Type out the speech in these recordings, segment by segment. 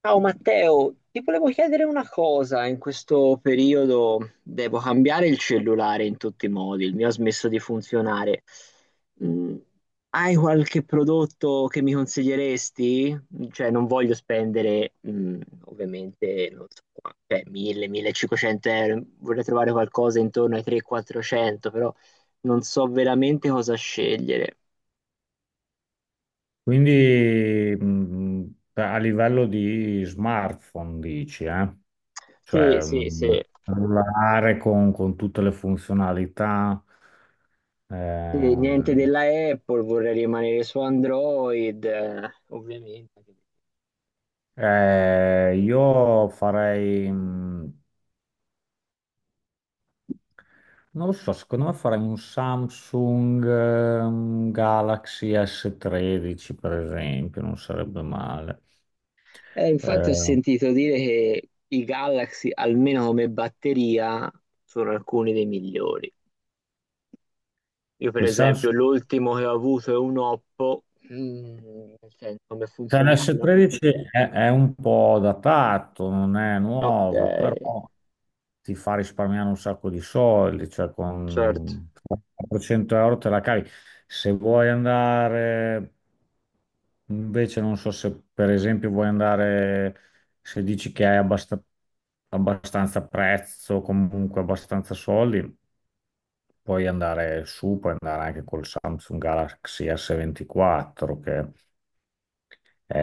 Ciao Matteo, ti volevo chiedere una cosa, in questo periodo devo cambiare il cellulare in tutti i modi, il mio ha smesso di funzionare. Mm, Hai qualche prodotto che mi consiglieresti? Cioè non voglio spendere ovviamente non so, cioè, 1000-1500 euro, vorrei trovare qualcosa intorno ai 300-400, però non so veramente cosa scegliere. Quindi a livello di smartphone dici, eh? Sì, Cioè sì, sì. cellulare con tutte le funzionalità. eh, Sì, niente della Apple, vorrei rimanere su Android, ovviamente. Io farei, non lo so, secondo me farei un Samsung, Galaxy S13 per esempio, non sarebbe male. Infatti ho Eh, sentito dire che i Galaxy, almeno come batteria, sono alcuni dei migliori. Io, per il Samsung esempio, l'ultimo che ho avuto è un Oppo. Mm, Nel senso, come Cioè, un funzionalità, no. S13 è un po' datato, non è Ok, nuovo, però ti fa risparmiare un sacco di soldi, cioè certo. con 400 euro te la cavi. Se vuoi andare, invece non so se per esempio vuoi andare, se dici che hai abbastanza prezzo, comunque abbastanza soldi, puoi andare su, puoi andare anche col Samsung Galaxy S24, che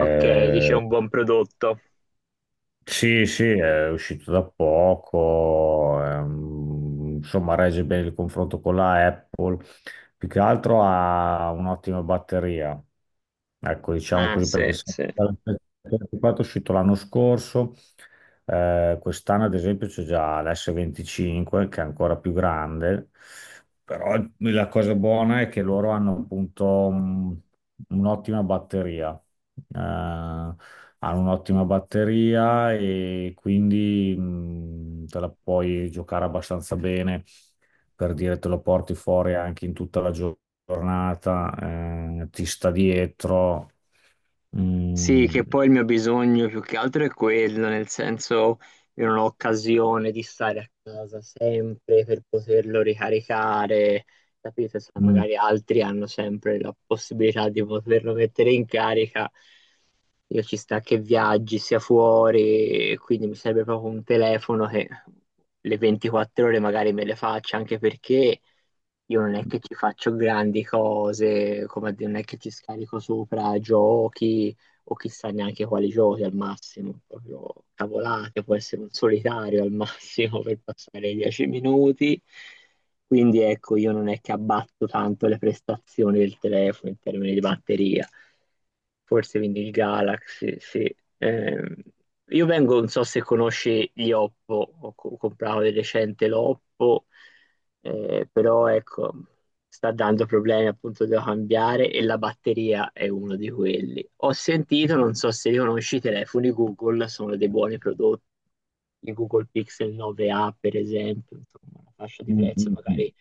Ok, dice un buon prodotto. sì, sì, è uscito da poco, insomma regge bene il confronto con la Apple, più che altro ha un'ottima batteria, ecco diciamo Ah, così perché sì, sì. è uscito l'anno scorso, quest'anno ad esempio c'è già l'S25 che è ancora più grande, però la cosa buona è che loro hanno appunto un'ottima batteria, eh, hanno un'ottima batteria e quindi te la puoi giocare abbastanza bene, per dire te lo porti fuori anche in tutta la giornata, ti sta dietro. Sì, Mm, che poi il mio bisogno più che altro è quello, nel senso io non ho occasione di stare a casa sempre per poterlo ricaricare, capite? Se mm, magari altri hanno sempre la possibilità di poterlo mettere in carica, io ci sta che viaggi, sia fuori, e quindi mi serve proprio un telefono che le 24 ore magari me le faccia, anche perché io non è che ci faccio grandi cose, come a dire, non è che ci scarico sopra giochi o chissà neanche quali giochi al massimo, proprio cavolate, può essere un solitario al massimo per passare i dieci minuti. Quindi ecco, io non è che abbatto tanto le prestazioni del telefono in termini di batteria. Forse quindi il Galaxy, sì. Io vengo, non so se conosci gli Oppo, comprato di recente l'Oppo, però ecco sta dando problemi, appunto devo cambiare e la batteria è uno di quelli. Ho sentito, non so se li conosci, i telefoni Google sono dei buoni prodotti. Il Google Pixel 9a, per esempio, insomma, una fascia di mm, prezzo mm, mm. Mm. magari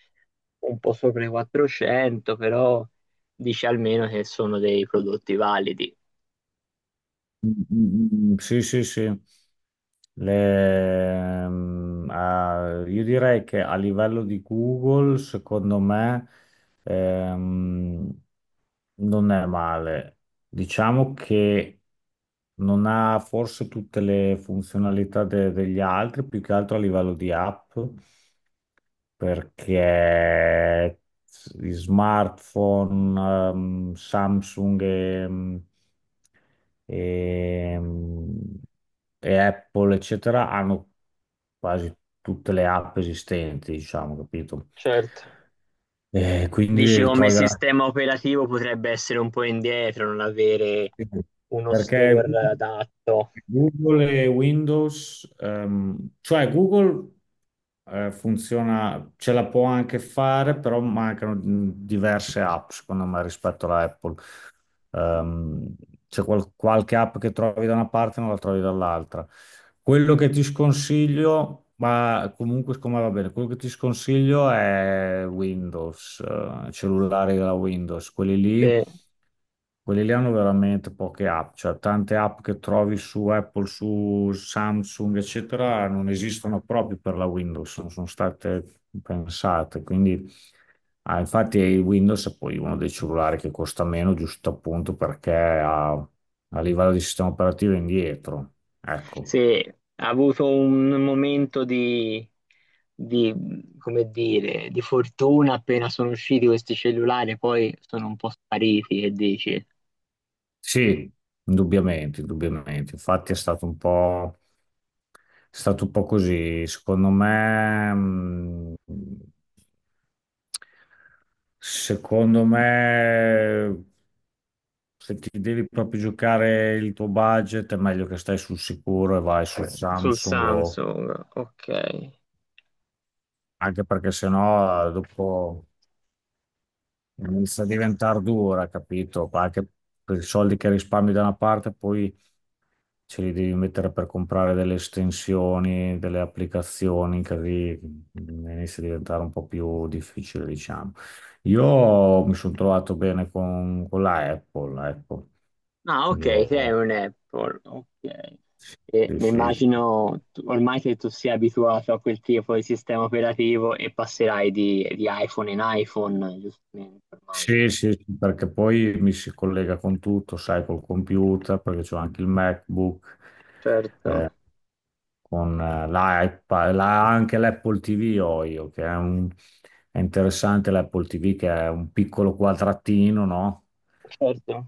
un po' sopra i 400, però dici almeno che sono dei prodotti validi. Mm, mm, mm, sì, sì, sì. Le- ah, io direi che a livello di Google, secondo me, ehm, non è male. Diciamo che non ha forse tutte le funzionalità degli altri, più che altro a livello di app, perché gli smartphone, Samsung e, e Apple, eccetera, hanno quasi tutte le app esistenti, diciamo, capito? Certo. E Dici quindi come trovi veramente. sistema operativo potrebbe essere un po' indietro, non avere Sì, sì. uno Perché store adatto. Google e Windows, cioè Google funziona, ce la può anche fare, però mancano diverse app, secondo me, rispetto alla Apple. Ehm, C'è qualche app che trovi da una parte e non la trovi dall'altra. Quello che ti sconsiglio, ma comunque siccome va bene, quello che ti sconsiglio è Windows, cellulari della Windows, quelli Sì. lì. Quelli lì hanno veramente poche app, cioè tante app che trovi su Apple, su Samsung, eccetera, non esistono proprio per la Windows, non sono state pensate. Quindi, ah, infatti, il Windows è poi uno dei cellulari che costa meno, giusto appunto perché a livello di sistema operativo è indietro. Ecco. Sì, ha avuto un momento di, come dire, di fortuna appena sono usciti questi cellulari, poi sono un po' spariti, che dici? Sì, indubbiamente, indubbiamente. Infatti è stato un po', è stato un po' così. Secondo me, secondo me, se ti devi proprio giocare il tuo budget, è meglio che stai sul sicuro e vai su Sul Samsung, Samsung, ok. anche perché sennò dopo inizia a diventare dura, capito? Anche per i soldi che risparmi da una parte, poi ce li devi mettere per comprare delle estensioni, delle applicazioni, così inizia a diventare un po' più difficile, diciamo. Io mi sono trovato bene con la Apple, ecco. Ah, ok, sei Io, un Apple, ok. E sì, mi sì. immagino ormai che tu sia abituato a quel tipo di sistema operativo e passerai di iPhone in iPhone, giustamente, ormai. Sì, sì, sì, perché poi mi si collega con tutto, sai, col computer, perché c'ho anche il MacBook. Certo, Con l'iPad, anche l'Apple TV ho io, che è interessante l'Apple TV, che è un piccolo quadratino, no? certo.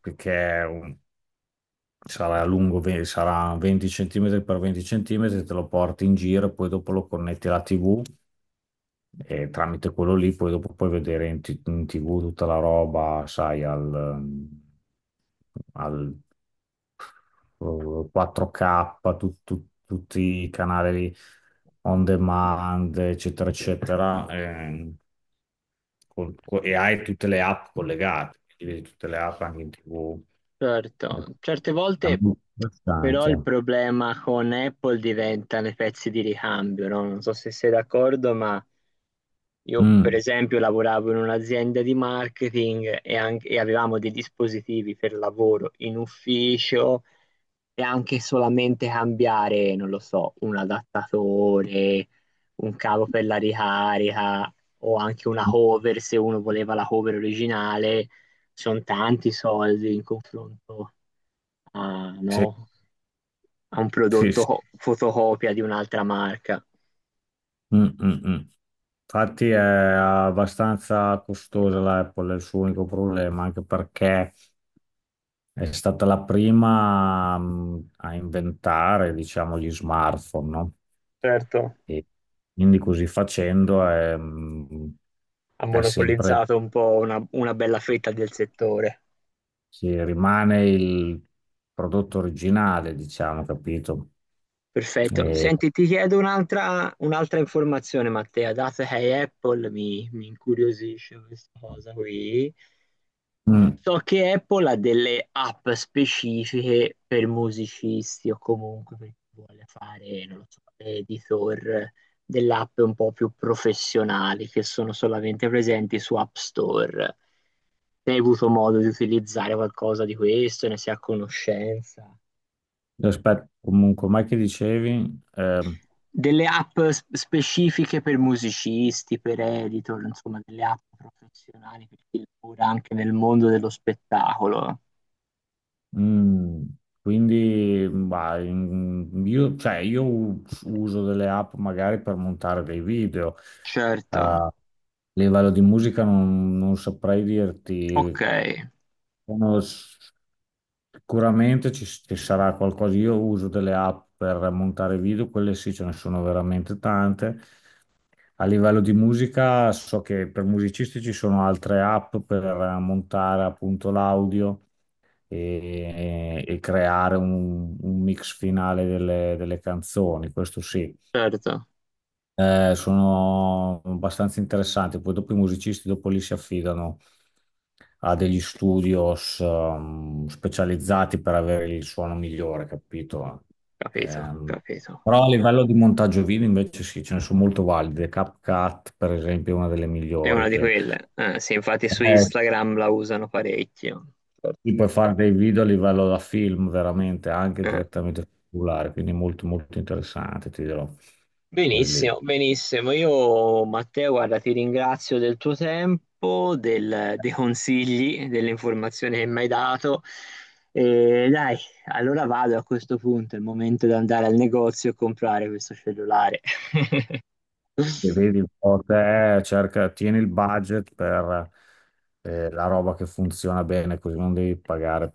Perché sarà lungo, sarà 20 centimetri per 20 centimetri, te lo porti in giro, e poi dopo lo connetti alla TV e tramite quello lì poi dopo puoi vedere in, in TV tutta la roba, sai, al 4K, tutti i canali on demand, eccetera, eccetera, e hai tutte le app collegate, quindi vedi tutte le app anche in TV. Certo, Ecco, certe è volte molto però il interessante. problema con Apple diventano i pezzi di ricambio, no? Non so se sei d'accordo, ma io per Mm. esempio lavoravo in un'azienda di marketing e avevamo dei dispositivi per lavoro in ufficio e anche solamente cambiare, non lo so, un adattatore, un cavo per la ricarica o anche una cover se uno voleva la cover originale, sono tanti soldi in confronto. Ah, Sì, no, ha un sì, prodotto sì. Fotocopia di un'altra marca. Mm, mm, mm. Infatti è abbastanza costosa l'Apple, è il suo unico problema, anche perché è stata la prima a inventare, diciamo, gli smartphone, no? Certo, E quindi così facendo è, mh, ha è sempre, monopolizzato un po' una bella fetta del settore. si rimane il prodotto originale, diciamo, capito? Perfetto. E, Senti, ti chiedo un'altra informazione, Matteo. Dato che hai Apple, mi incuriosisce questa cosa qui. Mm. So che Apple ha delle app specifiche per musicisti o comunque per chi vuole fare, non lo so, editor delle app un po' più professionali che sono solamente presenti su App Store. Se hai avuto modo di utilizzare qualcosa di questo, ne sei a conoscenza. Aspetta, comunque, mai che dicevi? Delle specifiche per musicisti, per editor, insomma, delle app professionali per chi lavora anche nel mondo dello spettacolo. Mm, quindi, ma, io, cioè, uso delle app magari per montare dei video. Certo, A livello di musica non saprei ok, dirti. Sono sicuramente ci sarà qualcosa. Io uso delle app per montare video, quelle sì, ce ne sono veramente tante. A livello di musica, so che per musicisti ci sono altre app per montare appunto l'audio e creare un mix finale delle canzoni, questo sì. certo. Sono abbastanza interessanti, poi dopo i musicisti dopo lì si affidano a degli studios specializzati per avere il suono migliore, capito? Capito, Ehm, capito. Però a livello di montaggio video invece sì, ce ne sono molto valide. CapCut, per esempio, è una delle È migliori una di che... quelle. Sì, infatti su Eh, Instagram la usano parecchio. qui Certo. puoi fare dei video a livello da film, veramente, anche Eh, direttamente sul cellulare, quindi molto molto interessante, ti dirò. Poi lì, e Benissimo, benissimo. Io, Matteo, guarda, ti ringrazio del tuo tempo, dei consigli, delle informazioni che mi hai dato. E dai, allora vado a questo punto, è il momento di andare al negozio e comprare questo cellulare. vedi un po' te, cerca, tieni il budget per la roba che funziona bene, così non devi pagare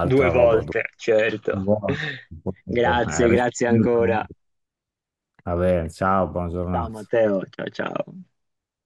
Due roba dopo. volte, certo. Buona, un po', Grazie, grazie ancora. responsabilmente. Va bene, ciao, buona Ciao giornata. Matteo, ciao ciao.